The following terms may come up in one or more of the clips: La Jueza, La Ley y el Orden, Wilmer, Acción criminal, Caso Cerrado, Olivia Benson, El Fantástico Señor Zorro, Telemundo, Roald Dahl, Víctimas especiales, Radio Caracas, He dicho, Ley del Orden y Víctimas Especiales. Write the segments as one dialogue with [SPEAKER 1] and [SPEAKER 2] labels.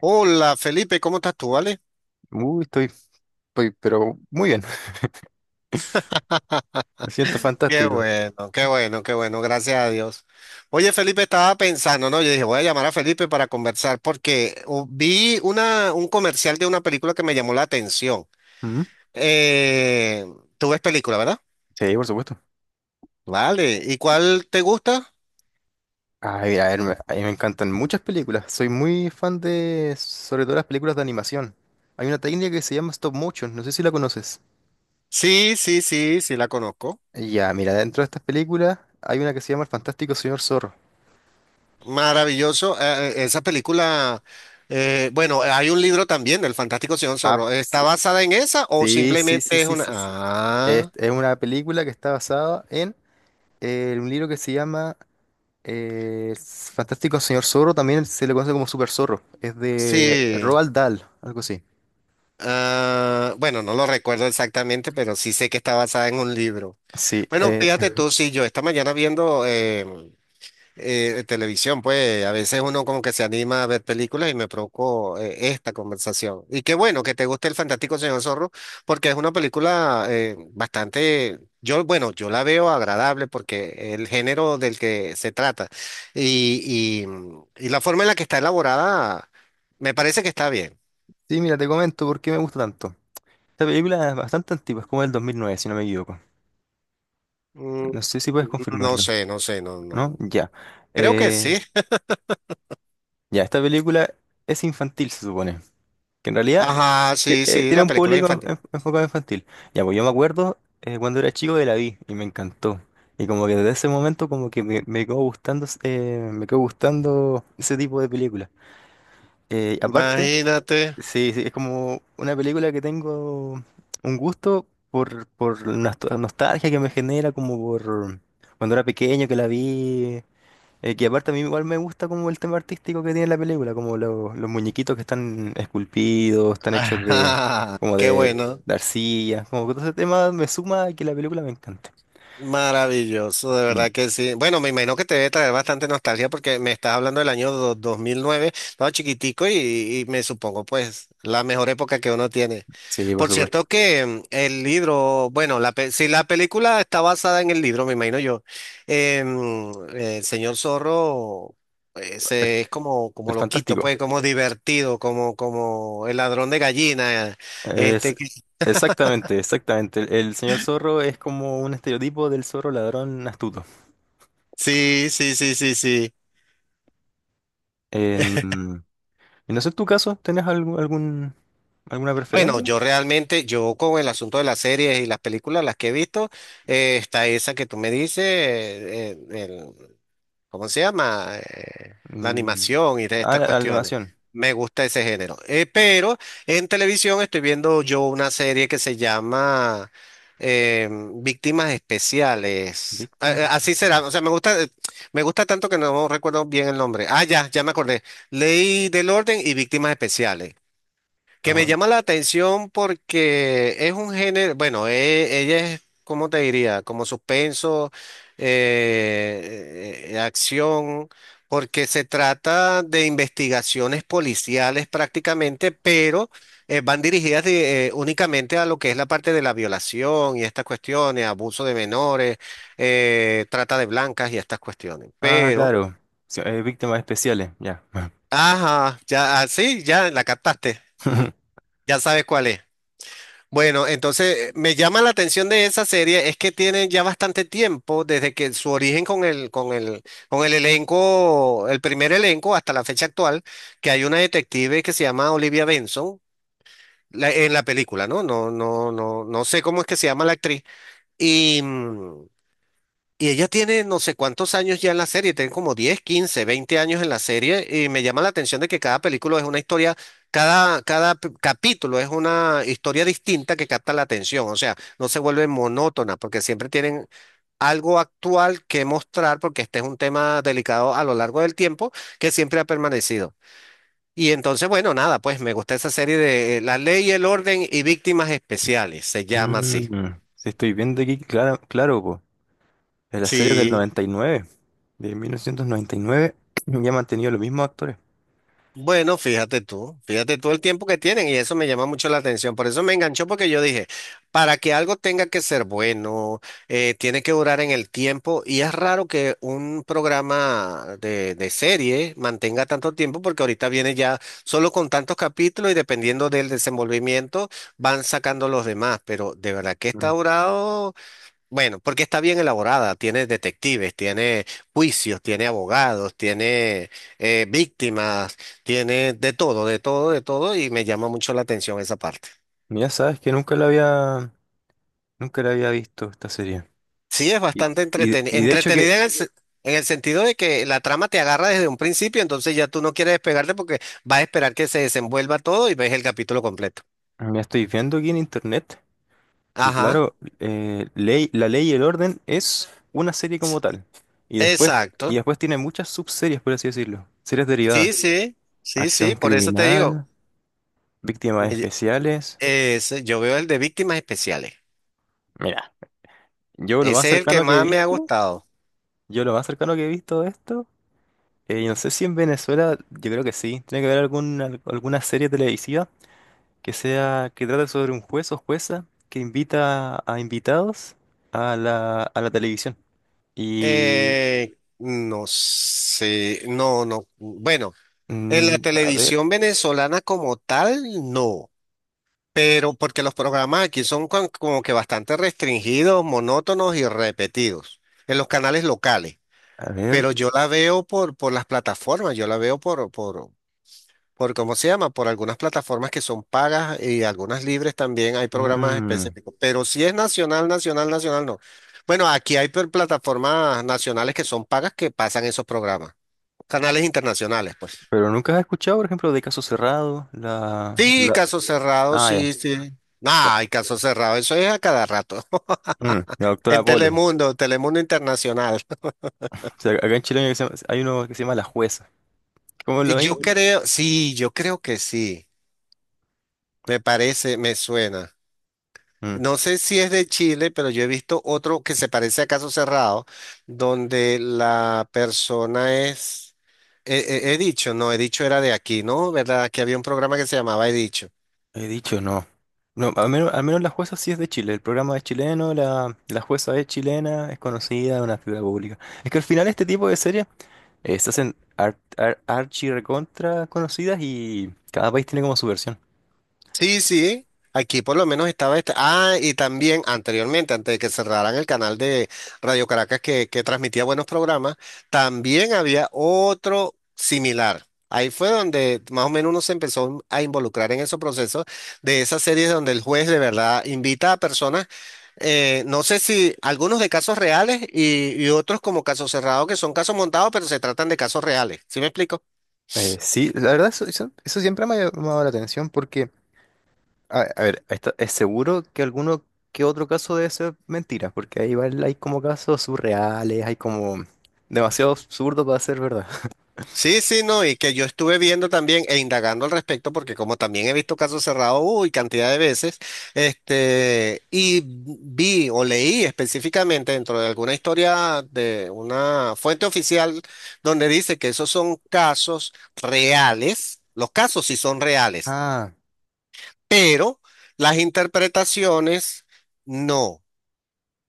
[SPEAKER 1] Hola Felipe, ¿cómo estás tú, vale?
[SPEAKER 2] Uy, estoy, pero muy bien. Me siento
[SPEAKER 1] Qué
[SPEAKER 2] fantástico.
[SPEAKER 1] bueno, qué bueno, qué bueno, gracias a Dios. Oye Felipe, estaba pensando, ¿no? Yo dije, voy a llamar a Felipe para conversar porque vi un comercial de una película que me llamó la atención.
[SPEAKER 2] Ujú.
[SPEAKER 1] Eh, tú ves película, ¿verdad?
[SPEAKER 2] Sí, por supuesto.
[SPEAKER 1] Vale, ¿y cuál te gusta?
[SPEAKER 2] Ay, a ver, a mí me encantan muchas películas. Soy muy fan de, sobre todo las películas de animación. Hay una técnica que se llama stop motion, no sé si la conoces.
[SPEAKER 1] Sí, sí, sí, sí, la conozco.
[SPEAKER 2] Ya, mira, dentro de estas películas hay una que se llama El Fantástico Señor Zorro.
[SPEAKER 1] Maravilloso, esa película, bueno, hay un libro también del Fantástico Señor
[SPEAKER 2] Ah,
[SPEAKER 1] Zorro. ¿Está basada en esa o
[SPEAKER 2] sí, sí, sí,
[SPEAKER 1] simplemente es
[SPEAKER 2] sí,
[SPEAKER 1] una...
[SPEAKER 2] sí, sí, sí. Es,
[SPEAKER 1] ah,
[SPEAKER 2] es una película que está basada en un libro que se llama el Fantástico Señor Zorro, también se le conoce como Super Zorro. Es de
[SPEAKER 1] sí?
[SPEAKER 2] Roald Dahl, algo así.
[SPEAKER 1] Ah, bueno, no lo recuerdo exactamente, pero sí sé que está basada en un libro.
[SPEAKER 2] Sí,
[SPEAKER 1] Bueno, fíjate tú, sí, yo esta mañana viendo televisión, pues a veces uno como que se anima a ver películas y me provocó esta conversación. Y qué bueno que te guste El Fantástico Señor Zorro, porque es una película bastante, yo, bueno, yo la veo agradable porque el género del que se trata y, y, y la forma en la que está elaborada, me parece que está bien.
[SPEAKER 2] sí, mira, te comento por qué me gusta tanto. Esta película es bastante antigua, es como del 2009, si no me equivoco.
[SPEAKER 1] Mm.
[SPEAKER 2] No sé si puedes
[SPEAKER 1] No
[SPEAKER 2] confirmarlo,
[SPEAKER 1] sé, no sé, no,
[SPEAKER 2] ¿no?
[SPEAKER 1] no.
[SPEAKER 2] Ya.
[SPEAKER 1] Creo que
[SPEAKER 2] Eh,
[SPEAKER 1] sí.
[SPEAKER 2] ya, esta película es infantil, se supone, que en realidad
[SPEAKER 1] Ajá, sí, sí,
[SPEAKER 2] tiene
[SPEAKER 1] la
[SPEAKER 2] un
[SPEAKER 1] película
[SPEAKER 2] público
[SPEAKER 1] infantil.
[SPEAKER 2] enfocado infantil. Ya, pues yo me acuerdo cuando era chico que la vi y me encantó. Y como que desde ese momento como que me quedó gustando, ese tipo de película. Aparte,
[SPEAKER 1] Imagínate.
[SPEAKER 2] sí, sí, es como una película que tengo un gusto por la nostalgia que me genera como por cuando era pequeño que la vi. Que aparte a mí igual me gusta como el tema artístico que tiene la película, como los muñequitos que están esculpidos, están hechos de
[SPEAKER 1] Ajá,
[SPEAKER 2] como
[SPEAKER 1] qué
[SPEAKER 2] de,
[SPEAKER 1] bueno.
[SPEAKER 2] de arcilla, como que todo ese tema me suma a que la película me encante.
[SPEAKER 1] Maravilloso, de
[SPEAKER 2] Mm.
[SPEAKER 1] verdad que sí. Bueno, me imagino que te debe traer bastante nostalgia porque me estás hablando del año 2009, estaba chiquitico y me supongo pues la mejor época que uno tiene.
[SPEAKER 2] Sí, por
[SPEAKER 1] Por cierto
[SPEAKER 2] supuesto.
[SPEAKER 1] que el libro, bueno, si la película está basada en el libro, me imagino yo, el señor Zorro
[SPEAKER 2] El,
[SPEAKER 1] es como, como
[SPEAKER 2] el
[SPEAKER 1] loquito,
[SPEAKER 2] Fantástico.
[SPEAKER 1] pues como divertido, como, como el ladrón de gallina.
[SPEAKER 2] Es
[SPEAKER 1] Este, que-
[SPEAKER 2] exactamente, exactamente. El señor zorro es como un estereotipo del zorro ladrón astuto.
[SPEAKER 1] sí, sí, sí, sí, sí.
[SPEAKER 2] En, y no sé, en tu caso, ¿tenés alguna
[SPEAKER 1] Bueno,
[SPEAKER 2] preferencia?
[SPEAKER 1] yo realmente, yo con el asunto de las series y las películas, las que he visto, está esa que tú me dices, ¿cómo se llama? La
[SPEAKER 2] Mm,
[SPEAKER 1] animación y de
[SPEAKER 2] ah,
[SPEAKER 1] estas
[SPEAKER 2] la
[SPEAKER 1] cuestiones.
[SPEAKER 2] animación.
[SPEAKER 1] Me gusta ese género. Pero en televisión estoy viendo yo una serie que se llama Víctimas Especiales.
[SPEAKER 2] Víctimas de
[SPEAKER 1] Así será, o sea,
[SPEAKER 2] pasiones.
[SPEAKER 1] me gusta tanto que no recuerdo bien el nombre. Ah, ya, ya me acordé. Ley del Orden y Víctimas Especiales. Que me llama la atención porque es un género, bueno, ella es, ¿cómo te diría? Como suspenso, acción, porque se trata de investigaciones policiales prácticamente, pero van dirigidas únicamente a lo que es la parte de la violación y estas cuestiones, abuso de menores, trata de blancas y estas cuestiones.
[SPEAKER 2] Ah,
[SPEAKER 1] Pero,
[SPEAKER 2] claro. Sí, víctimas especiales, ya.
[SPEAKER 1] ajá, ya, ah, sí, ya la captaste, ya sabes cuál es. Bueno, entonces me llama la atención de esa serie es que tienen ya bastante tiempo desde que su origen con el elenco, el primer elenco hasta la fecha actual, que hay una detective que se llama Olivia Benson en la película, ¿no? No, no, no, no sé cómo es que se llama la actriz. Y, mm, y ella tiene no sé cuántos años ya en la serie, tiene como 10 15 20 años en la serie y me llama la atención de que cada película es una historia, capítulo es una historia distinta que capta la atención, o sea, no se vuelve monótona porque siempre tienen algo actual que mostrar porque este es un tema delicado a lo largo del tiempo que siempre ha permanecido. Y entonces, bueno, nada, pues me gusta esa serie de La Ley el Orden y Víctimas Especiales, se llama así.
[SPEAKER 2] Mm, sí, estoy viendo aquí, claro, claro, po. En la serie del
[SPEAKER 1] Sí.
[SPEAKER 2] 99, de 1999, ya han mantenido los mismos actores.
[SPEAKER 1] Bueno, fíjate tú el tiempo que tienen y eso me llama mucho la atención. Por eso me enganchó porque yo dije, para que algo tenga que ser bueno, tiene que durar en el tiempo y es raro que un programa de serie mantenga tanto tiempo porque ahorita viene ya solo con tantos capítulos y dependiendo del desenvolvimiento van sacando los demás, pero de verdad que está
[SPEAKER 2] Mm.
[SPEAKER 1] durado bueno, porque está bien elaborada, tiene detectives, tiene juicios, tiene abogados, tiene víctimas, tiene de todo, de todo, de todo, y me llama mucho la atención esa parte.
[SPEAKER 2] Mira, sabes que nunca la había visto esta serie.
[SPEAKER 1] Sí, es
[SPEAKER 2] Y,
[SPEAKER 1] bastante
[SPEAKER 2] y,
[SPEAKER 1] entretenida,
[SPEAKER 2] y de hecho que
[SPEAKER 1] en el sentido de que la trama te agarra desde un principio, entonces ya tú no quieres despegarte porque vas a esperar que se desenvuelva todo y ves el capítulo completo.
[SPEAKER 2] me estoy viendo aquí en internet, y
[SPEAKER 1] Ajá,
[SPEAKER 2] claro, La Ley y el Orden es una serie como
[SPEAKER 1] s-
[SPEAKER 2] tal. Y después, y
[SPEAKER 1] exacto.
[SPEAKER 2] después tiene muchas subseries, por así decirlo, series
[SPEAKER 1] Sí,
[SPEAKER 2] derivadas.
[SPEAKER 1] sí, sí,
[SPEAKER 2] Acción
[SPEAKER 1] sí, por eso te digo,
[SPEAKER 2] criminal.
[SPEAKER 1] me
[SPEAKER 2] Víctimas
[SPEAKER 1] lle-
[SPEAKER 2] especiales.
[SPEAKER 1] yo veo el de víctimas especiales.
[SPEAKER 2] Mira, yo lo más
[SPEAKER 1] Ese es el que
[SPEAKER 2] cercano que he
[SPEAKER 1] más me ha
[SPEAKER 2] visto,
[SPEAKER 1] gustado.
[SPEAKER 2] yo lo más cercano que he visto de esto, y no sé si en Venezuela, yo creo que sí, tiene que haber alguna serie televisiva que sea, que trate sobre un juez o jueza que invita a invitados a la televisión. Y,
[SPEAKER 1] No sé, no, no. Bueno, en la
[SPEAKER 2] mm, a ver,
[SPEAKER 1] televisión venezolana como tal, no. Pero porque los programas aquí son como que bastante restringidos, monótonos y repetidos en los canales locales.
[SPEAKER 2] a ver,
[SPEAKER 1] Pero yo la veo por las plataformas, yo la veo por cómo se llama, por algunas plataformas que son pagas y algunas libres también hay programas
[SPEAKER 2] mm,
[SPEAKER 1] específicos, pero si es nacional, nacional, nacional, no. Bueno, aquí hay plataformas nacionales que son pagas que pasan esos programas, canales internacionales, pues.
[SPEAKER 2] pero nunca has escuchado, por ejemplo, de Caso Cerrado,
[SPEAKER 1] Sí, caso cerrado,
[SPEAKER 2] ah, ya,
[SPEAKER 1] sí, sí. No,
[SPEAKER 2] no,
[SPEAKER 1] hay caso cerrado, eso es a cada rato.
[SPEAKER 2] la doctora
[SPEAKER 1] En
[SPEAKER 2] Polo.
[SPEAKER 1] Telemundo, Telemundo Internacional.
[SPEAKER 2] O sea, acá en Chile hay uno hay uno que se llama La Jueza. Como
[SPEAKER 1] Y
[SPEAKER 2] lo
[SPEAKER 1] yo creo, sí, yo creo que sí. Me parece, me suena.
[SPEAKER 2] Mm,
[SPEAKER 1] No sé si es de Chile, pero yo he visto otro que se parece a Caso Cerrado, donde la persona es... He, he dicho, no, he dicho era de aquí, ¿no? ¿Verdad? Aquí había un programa que se llamaba He dicho.
[SPEAKER 2] he dicho, no. No, al menos la jueza sí es de Chile. El programa es chileno, la jueza es chilena, es conocida, es una figura pública. Es que al final este tipo de series se hacen archi recontra conocidas y cada país tiene como su versión.
[SPEAKER 1] Sí, sí. Aquí por lo menos estaba esta. Ah, y también anteriormente, antes de que cerraran el canal de Radio Caracas que transmitía buenos programas, también había otro similar. Ahí fue donde más o menos uno se empezó a involucrar en esos procesos de esas series donde el juez de verdad invita a personas, no sé si algunos de casos reales y otros como casos cerrados que son casos montados, pero se tratan de casos reales. ¿Sí me explico?
[SPEAKER 2] Sí, la verdad eso siempre me ha llamado la atención porque, a ver, es seguro que alguno que otro caso debe ser mentira, porque ahí igual hay como casos surreales, hay como demasiado absurdo para ser verdad.
[SPEAKER 1] Sí, sí, no, y que yo estuve viendo también e indagando al respecto, porque como también he visto casos cerrados, uy, cantidad de veces, este, y vi o leí específicamente dentro de alguna historia de una fuente oficial donde dice que esos son casos reales, los casos sí son reales,
[SPEAKER 2] Ah.
[SPEAKER 1] pero las interpretaciones no.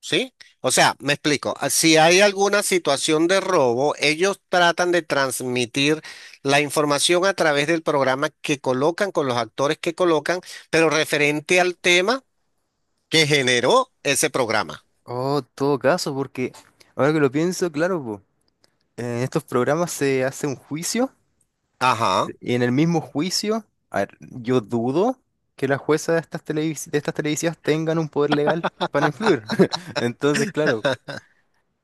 [SPEAKER 1] ¿Sí? O sea, me explico. Ah, si hay alguna situación de robo, ellos tratan de transmitir la información a través del programa que colocan, con los actores que colocan, pero referente al tema que generó ese programa.
[SPEAKER 2] Oh, en todo caso, porque ahora que lo pienso, claro, po, en estos programas se hace un juicio
[SPEAKER 1] Ajá.
[SPEAKER 2] y en el mismo juicio, a ver, yo dudo que las juezas de estas de estas televisivas tengan un poder legal para influir. Entonces, claro,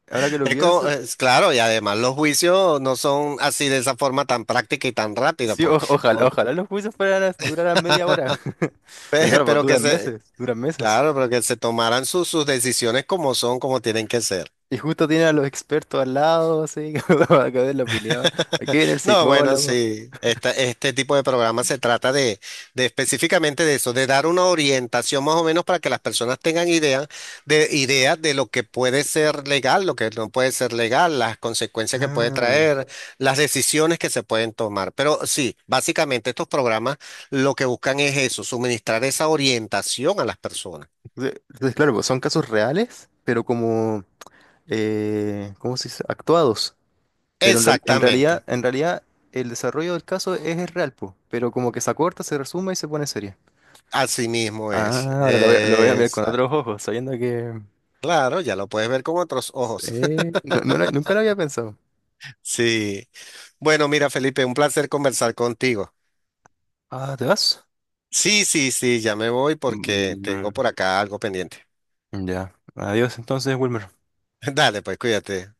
[SPEAKER 2] ahora que lo pienso,
[SPEAKER 1] Es claro, y además los juicios no son así de esa forma tan práctica y tan rápida,
[SPEAKER 2] sí,
[SPEAKER 1] pues.
[SPEAKER 2] ojalá,
[SPEAKER 1] No,
[SPEAKER 2] ojalá los juicios fueran a durar media hora. Porque claro, pues
[SPEAKER 1] pero que
[SPEAKER 2] duran
[SPEAKER 1] se,
[SPEAKER 2] meses, duran meses.
[SPEAKER 1] claro, pero que se tomaran sus decisiones como son, como tienen que ser.
[SPEAKER 2] Y justo tienen a los expertos al lado, así, para que den la opinión. Aquí viene el
[SPEAKER 1] No, bueno,
[SPEAKER 2] psicólogo.
[SPEAKER 1] sí, este tipo de programas se trata de específicamente de eso, de dar una orientación más o menos para que las personas tengan idea de lo que puede ser legal, lo que no puede ser legal, las consecuencias que puede
[SPEAKER 2] Ah.
[SPEAKER 1] traer, las decisiones que se pueden tomar. Pero sí, básicamente estos programas lo que buscan es eso, suministrar esa orientación a las personas.
[SPEAKER 2] Entonces, claro, pues son casos reales, pero como, ¿cómo se dice? Actuados. Pero en
[SPEAKER 1] Exactamente,
[SPEAKER 2] realidad, el desarrollo del caso es real, po, pero como que se acorta, se resume y se pone seria.
[SPEAKER 1] así mismo es.
[SPEAKER 2] Ah, ahora lo voy a mirar con otros
[SPEAKER 1] Exacto.
[SPEAKER 2] ojos, sabiendo que...
[SPEAKER 1] Claro, ya lo puedes ver con otros ojos.
[SPEAKER 2] nunca lo había pensado.
[SPEAKER 1] Sí. Bueno, mira, Felipe, un placer conversar contigo.
[SPEAKER 2] Ah, ¿te vas?
[SPEAKER 1] Sí, sí, sí, ya me voy porque tengo
[SPEAKER 2] Mm,
[SPEAKER 1] por acá algo pendiente.
[SPEAKER 2] ya. Adiós entonces, Wilmer.
[SPEAKER 1] Dale, pues cuídate.